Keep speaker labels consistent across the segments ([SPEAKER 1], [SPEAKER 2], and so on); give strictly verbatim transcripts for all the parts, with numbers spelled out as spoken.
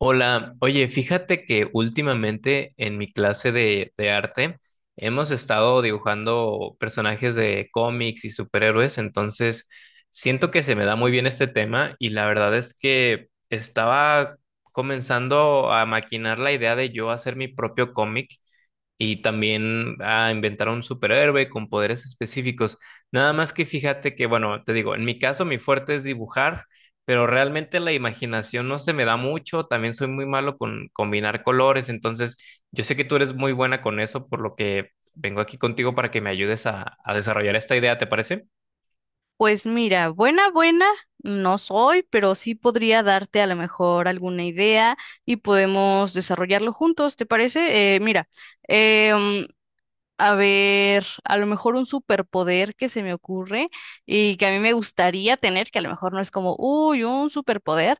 [SPEAKER 1] Hola, oye, fíjate que últimamente en mi clase de, de arte hemos estado dibujando personajes de cómics y superhéroes, entonces siento que se me da muy bien este tema y la verdad es que estaba comenzando a maquinar la idea de yo hacer mi propio cómic y también a inventar un superhéroe con poderes específicos. Nada más que fíjate que, bueno, te digo, en mi caso mi fuerte es dibujar pero realmente la imaginación no se me da mucho, también soy muy malo con combinar colores, entonces yo sé que tú eres muy buena con eso, por lo que vengo aquí contigo para que me ayudes a, a desarrollar esta idea, ¿te parece?
[SPEAKER 2] Pues mira, buena, buena, no soy, pero sí podría darte a lo mejor alguna idea y podemos desarrollarlo juntos, ¿te parece? Eh, mira, eh, mm, a ver, a lo mejor un superpoder que se me ocurre y que a mí me gustaría tener, que a lo mejor no es como, uy, un superpoder,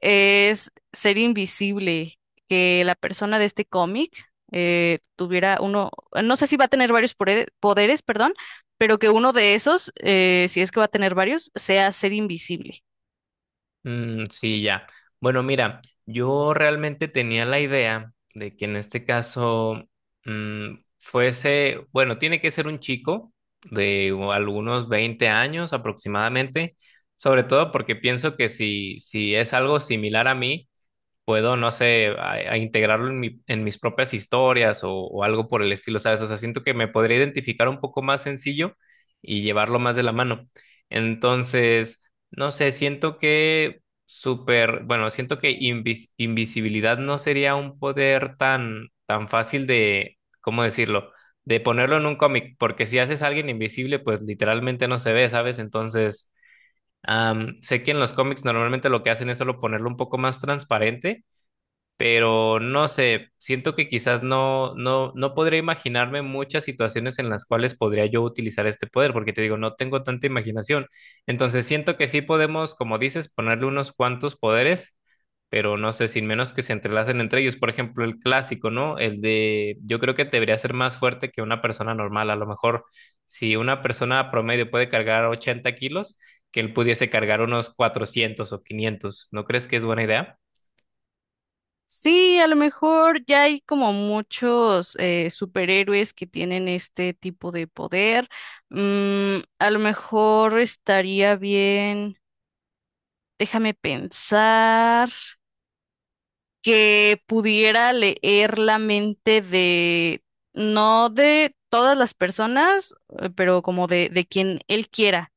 [SPEAKER 2] es ser invisible, que la persona de este cómic eh, tuviera uno. No sé si va a tener varios pore- poderes, perdón, pero que uno de esos, eh, si es que va a tener varios, sea ser invisible.
[SPEAKER 1] Mm, sí, ya. Bueno, mira, yo realmente tenía la idea de que en este caso mm, fuese, bueno, tiene que ser un chico de u- algunos veinte años aproximadamente, sobre todo porque pienso que si, si es algo similar a mí, puedo, no sé, a, a integrarlo en, mi- en mis propias historias o, o algo por el estilo, ¿sabes? O sea, siento que me podría identificar un poco más sencillo y llevarlo más de la mano. Entonces, no sé, siento que súper, bueno, siento que invis- invisibilidad no sería un poder tan, tan fácil de, ¿cómo decirlo? De ponerlo en un cómic, porque si haces a alguien invisible, pues literalmente no se ve, ¿sabes? Entonces, am, sé que en los cómics normalmente lo que hacen es solo ponerlo un poco más transparente pero no sé, siento que quizás no, no, no podría imaginarme muchas situaciones en las cuales podría yo utilizar este poder, porque te digo, no tengo tanta imaginación. Entonces siento que sí podemos, como dices, ponerle unos cuantos poderes, pero no sé, sin menos que se entrelacen entre ellos. Por ejemplo, el clásico, ¿no? El de, yo creo que debería ser más fuerte que una persona normal. A lo mejor, si una persona promedio puede cargar ochenta kilos, que él pudiese cargar unos cuatrocientos o quinientos. ¿No crees que es buena idea?
[SPEAKER 2] Sí, a lo mejor ya hay como muchos eh, superhéroes que tienen este tipo de poder. Mm, a lo mejor estaría bien, déjame pensar. Que pudiera leer la mente de, no de todas las personas, eh, pero como de, de quien él quiera,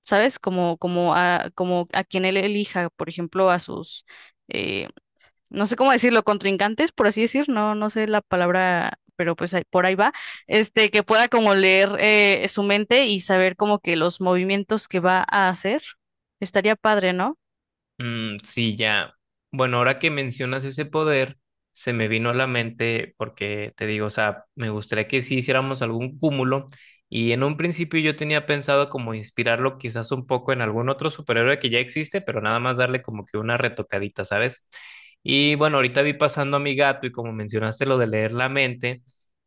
[SPEAKER 2] ¿sabes? Como, como a, como a quien él elija, por ejemplo, a sus, eh, no sé cómo decirlo, contrincantes, por así decir, no, no sé la palabra, pero pues ahí- por ahí va, este, que pueda como leer eh, su mente y saber como que los movimientos que va a hacer. Estaría padre, ¿no?
[SPEAKER 1] Mm, sí, ya. Bueno, ahora que mencionas ese poder, se me vino a la mente porque te digo, o sea, me gustaría que sí hiciéramos algún cúmulo y en un principio yo tenía pensado como inspirarlo quizás un poco en algún otro superhéroe que ya existe, pero nada más darle como que una retocadita, ¿sabes? Y bueno, ahorita vi pasando a mi gato y como mencionaste lo de leer la mente,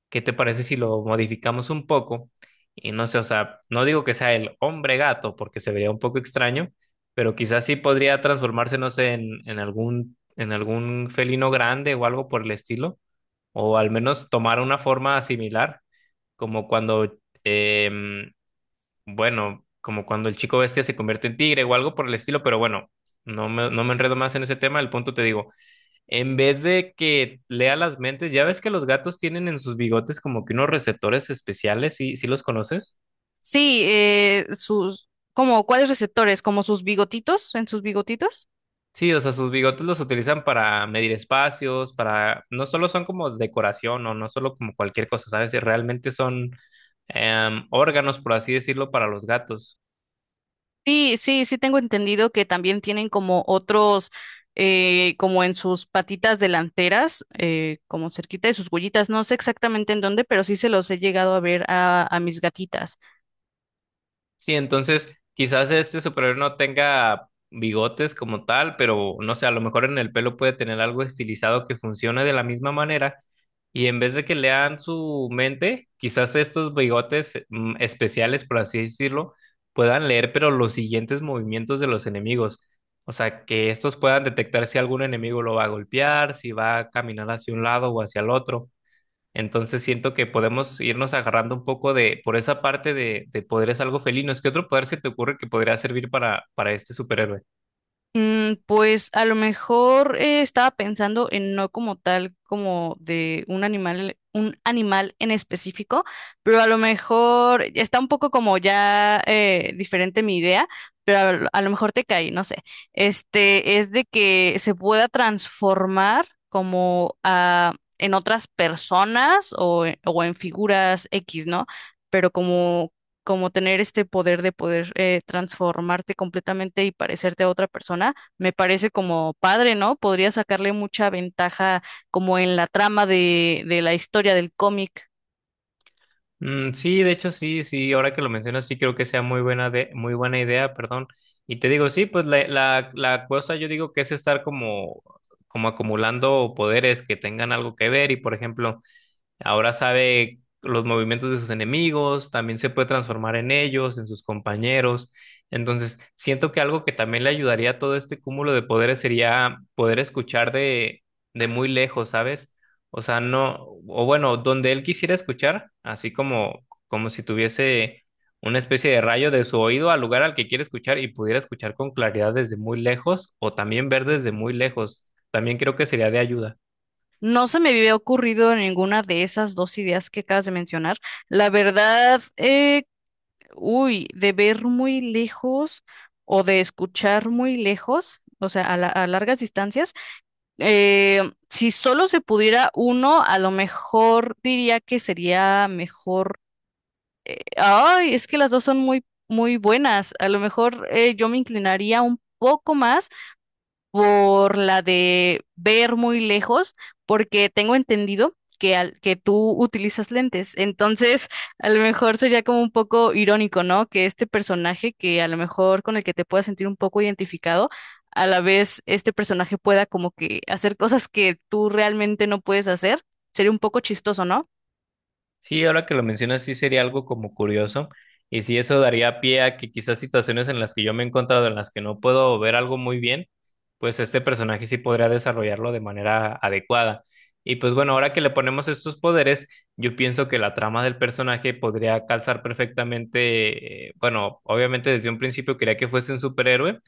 [SPEAKER 1] ¿qué te parece si lo modificamos un poco? Y no sé, o sea, no digo que sea el hombre gato porque se vería un poco extraño pero quizás sí podría transformarse, no sé, en, en algún, en algún felino grande o algo por el estilo, o al menos tomar una forma similar, como cuando, em, bueno, como cuando el chico bestia se convierte en tigre o algo por el estilo, pero bueno, no me, no me enredo más en ese tema, el punto te digo, en vez de que lea las mentes, ya ves que los gatos tienen en sus bigotes como que unos receptores especiales, ¿sí, sí los conoces?
[SPEAKER 2] Sí, eh, sus, como, ¿cuáles receptores? ¿Como sus bigotitos? ¿En sus bigotitos?
[SPEAKER 1] Sí, o sea, sus bigotes los utilizan para medir espacios, para... No solo son como decoración o no solo como cualquier cosa, ¿sabes? Realmente son em, órganos, por así decirlo, para los gatos.
[SPEAKER 2] Sí, sí, sí tengo entendido que también tienen como otros, eh, como en sus patitas delanteras, eh, como cerquita de sus huellitas. No sé exactamente en dónde, pero sí se los he llegado a ver a, a mis gatitas.
[SPEAKER 1] Sí, entonces quizás este superhéroe no tenga bigotes como tal, pero no sé, a lo mejor en el pelo puede tener algo estilizado que funcione de la misma manera. Y en vez de que lean su mente, quizás estos bigotes eh, mm, especiales, por así decirlo, puedan leer, pero los siguientes movimientos de los enemigos. O sea, que estos puedan detectar si algún enemigo lo va a golpear, si va a caminar hacia un lado o hacia el otro. Entonces siento que podemos irnos agarrando un poco de, por esa parte de, de poderes algo felinos. ¿Qué otro poder se te ocurre que podría servir para, para este superhéroe?
[SPEAKER 2] Mm, pues a lo mejor eh, estaba pensando en no como tal, como de un animal, un animal en específico, pero a lo mejor está un poco como ya eh, diferente mi idea, pero a, lo a lo mejor te cae, no sé. Este es de que se pueda transformar como a, en otras personas o, en- o en figuras X, ¿no? Pero como como tener este poder de poder eh, transformarte completamente y parecerte a otra persona, me parece como padre, ¿no? Podría sacarle mucha ventaja como en la trama de, de la historia del cómic.
[SPEAKER 1] Mm, sí, de hecho, sí, sí, ahora que lo mencionas, sí creo que sea muy buena de, muy buena idea, perdón. Y te digo, sí, pues la, la, la cosa yo digo que es estar como, como acumulando poderes que tengan algo que ver. Y por ejemplo, ahora sabe los movimientos de sus enemigos, también se puede transformar en ellos, en sus compañeros. Entonces, siento que algo que también le ayudaría a todo este cúmulo de poderes sería poder escuchar de, de muy lejos, ¿sabes? O sea, no, o bueno, donde él quisiera escuchar, así como, como si tuviese una especie de rayo de su oído al lugar al que quiere escuchar y pudiera escuchar con claridad desde muy lejos o también ver desde muy lejos. También creo que sería de ayuda.
[SPEAKER 2] No se me había ocurrido ninguna de esas dos ideas que acabas de mencionar. La verdad, eh, uy, de ver muy lejos o de escuchar muy lejos, o sea, a la- a largas distancias. Eh, si solo se pudiera uno, a lo mejor diría que sería mejor. Ay, es que las dos son muy, muy buenas. A lo mejor eh, yo me inclinaría un poco más por la de ver muy lejos, porque tengo entendido que, al- que tú utilizas lentes. Entonces, a lo mejor sería como un poco irónico, ¿no? Que este personaje, que a lo mejor con el que te puedas sentir un poco identificado, a la vez este personaje pueda como que hacer cosas que tú realmente no puedes hacer. Sería un poco chistoso, ¿no?
[SPEAKER 1] Sí, ahora que lo mencionas, sí sería algo como curioso. Y sí, eso daría pie a que quizás situaciones en las que yo me he encontrado, en las que no puedo ver algo muy bien, pues este personaje sí podría desarrollarlo de manera adecuada. Y pues bueno, ahora que le ponemos estos poderes, yo pienso que la trama del personaje podría calzar perfectamente, eh, bueno, obviamente desde un principio quería que fuese un superhéroe,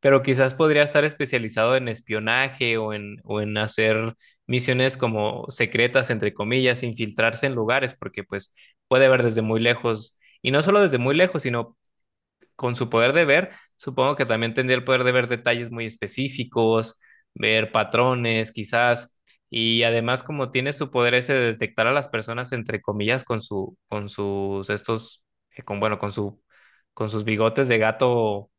[SPEAKER 1] pero quizás podría estar especializado en espionaje o en, o en hacer misiones como secretas, entre comillas, infiltrarse en lugares, porque pues puede ver desde muy lejos, y no solo desde muy lejos, sino con su poder de ver, supongo que también tendría el poder de ver detalles muy específicos, ver patrones quizás, y además como tiene su poder ese de detectar a las personas, entre comillas, con su, con sus, estos, eh, con, bueno, con su, con sus bigotes de gato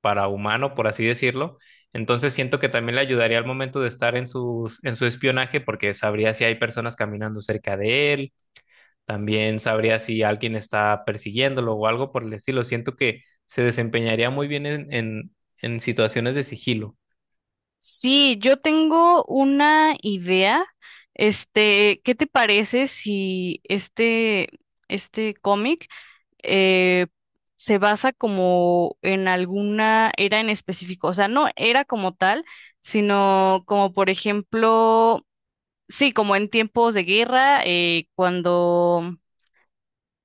[SPEAKER 1] para humano, por así decirlo. Entonces siento que también le ayudaría al momento de estar en su, en su espionaje porque sabría si hay personas caminando cerca de él, también sabría si alguien está persiguiéndolo o algo por el estilo. Siento que se desempeñaría muy bien en, en, en situaciones de sigilo.
[SPEAKER 2] Sí, yo tengo una idea. Este, ¿qué te parece si este, este cómic eh, se basa como en alguna era en específico? O sea, no era como tal, sino como por ejemplo, sí, como en tiempos de guerra, eh, cuando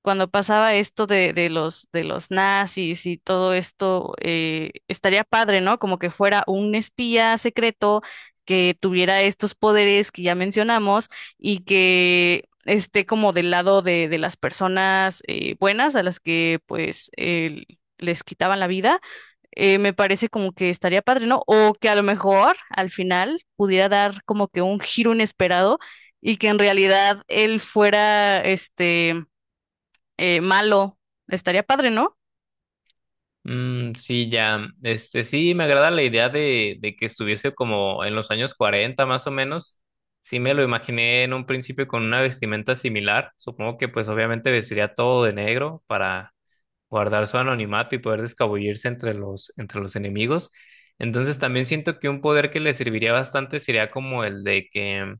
[SPEAKER 2] cuando pasaba esto de, de los, de los nazis y todo esto, eh, estaría padre, ¿no? Como que fuera un espía secreto que tuviera estos poderes que ya mencionamos y que esté como del lado de, de las personas eh, buenas a las que pues el- les quitaban la vida. Eh, me parece como que estaría padre, ¿no? O que a lo mejor al final pudiera dar como que un giro inesperado y que en realidad él fuera este eh, malo. Estaría padre, ¿no?
[SPEAKER 1] Mm, sí, ya, este sí, me agrada la idea de, de que estuviese como en los años cuarenta más o menos. Sí, me lo imaginé en un principio con una vestimenta similar. Supongo que pues obviamente vestiría todo de negro para guardar su anonimato y poder descabullirse entre los, entre los enemigos. Entonces también siento que un poder que le serviría bastante sería como el de que,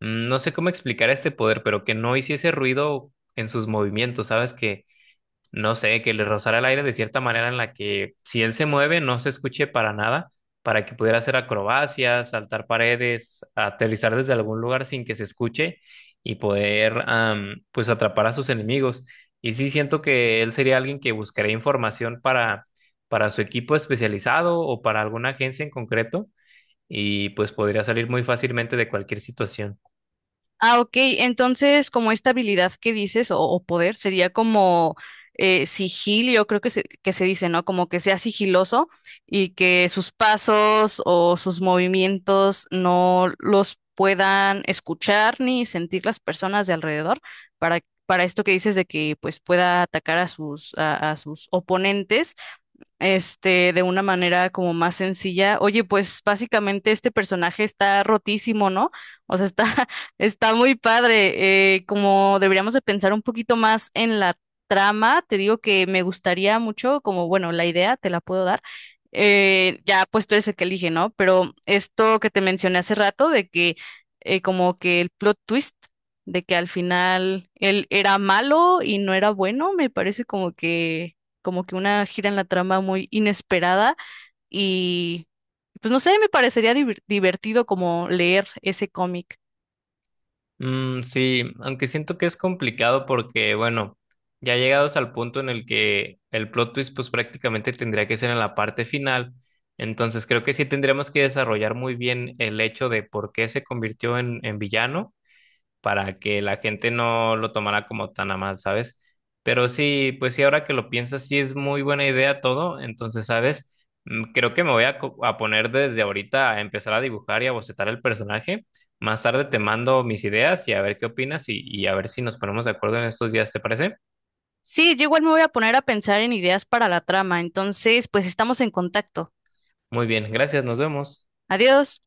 [SPEAKER 1] mm, no sé cómo explicar este poder, pero que no hiciese ruido en sus movimientos, ¿sabes? Que no sé, que le rozara el aire de cierta manera en la que si él se mueve no se escuche para nada, para que pudiera hacer acrobacias, saltar paredes, aterrizar desde algún lugar sin que se escuche y poder am, pues atrapar a sus enemigos. Y sí siento que él sería alguien que buscaría información para, para su equipo especializado o para alguna agencia en concreto y pues podría salir muy fácilmente de cualquier situación.
[SPEAKER 2] Ah, ok. Entonces, como esta habilidad que dices, o, o poder, sería como eh, sigilio, creo que se, que se dice, ¿no? Como que sea sigiloso y que sus pasos o sus movimientos no los puedan escuchar ni sentir las personas de alrededor para, para esto que dices de que pues pueda atacar a sus, a a sus oponentes este, de una manera como más sencilla. Oye, pues básicamente este personaje está rotísimo, ¿no? O sea, está, está muy padre. Eh, como deberíamos de pensar un poquito más en la trama, te digo que me gustaría mucho, como bueno, la idea te la puedo dar. Eh, ya, pues tú eres el que elige, ¿no? Pero esto que te mencioné hace rato de que eh, como que el plot twist de que al final él era malo y no era bueno, me parece como que como que una gira en la trama muy inesperada, y pues no sé, me parecería divir- divertido como leer ese cómic.
[SPEAKER 1] Mm, sí, aunque siento que es complicado porque, bueno, ya llegados al punto en el que el plot twist pues prácticamente tendría que ser en la parte final, entonces creo que sí tendríamos que desarrollar muy bien el hecho de por qué se convirtió en, en villano para que la gente no lo tomara como tan a mal, ¿sabes? Pero sí, pues sí, ahora que lo piensas, sí es muy buena idea todo, entonces, ¿sabes? Mm, creo que me voy a, co- a poner desde ahorita a empezar a dibujar y a bocetar el personaje. Más tarde te mando mis ideas y a ver qué opinas y, y a ver si nos ponemos de acuerdo en estos días, ¿te parece?
[SPEAKER 2] Sí, yo igual me voy a poner a pensar en ideas para la trama, entonces pues estamos en contacto.
[SPEAKER 1] Muy bien, gracias, nos vemos.
[SPEAKER 2] Adiós.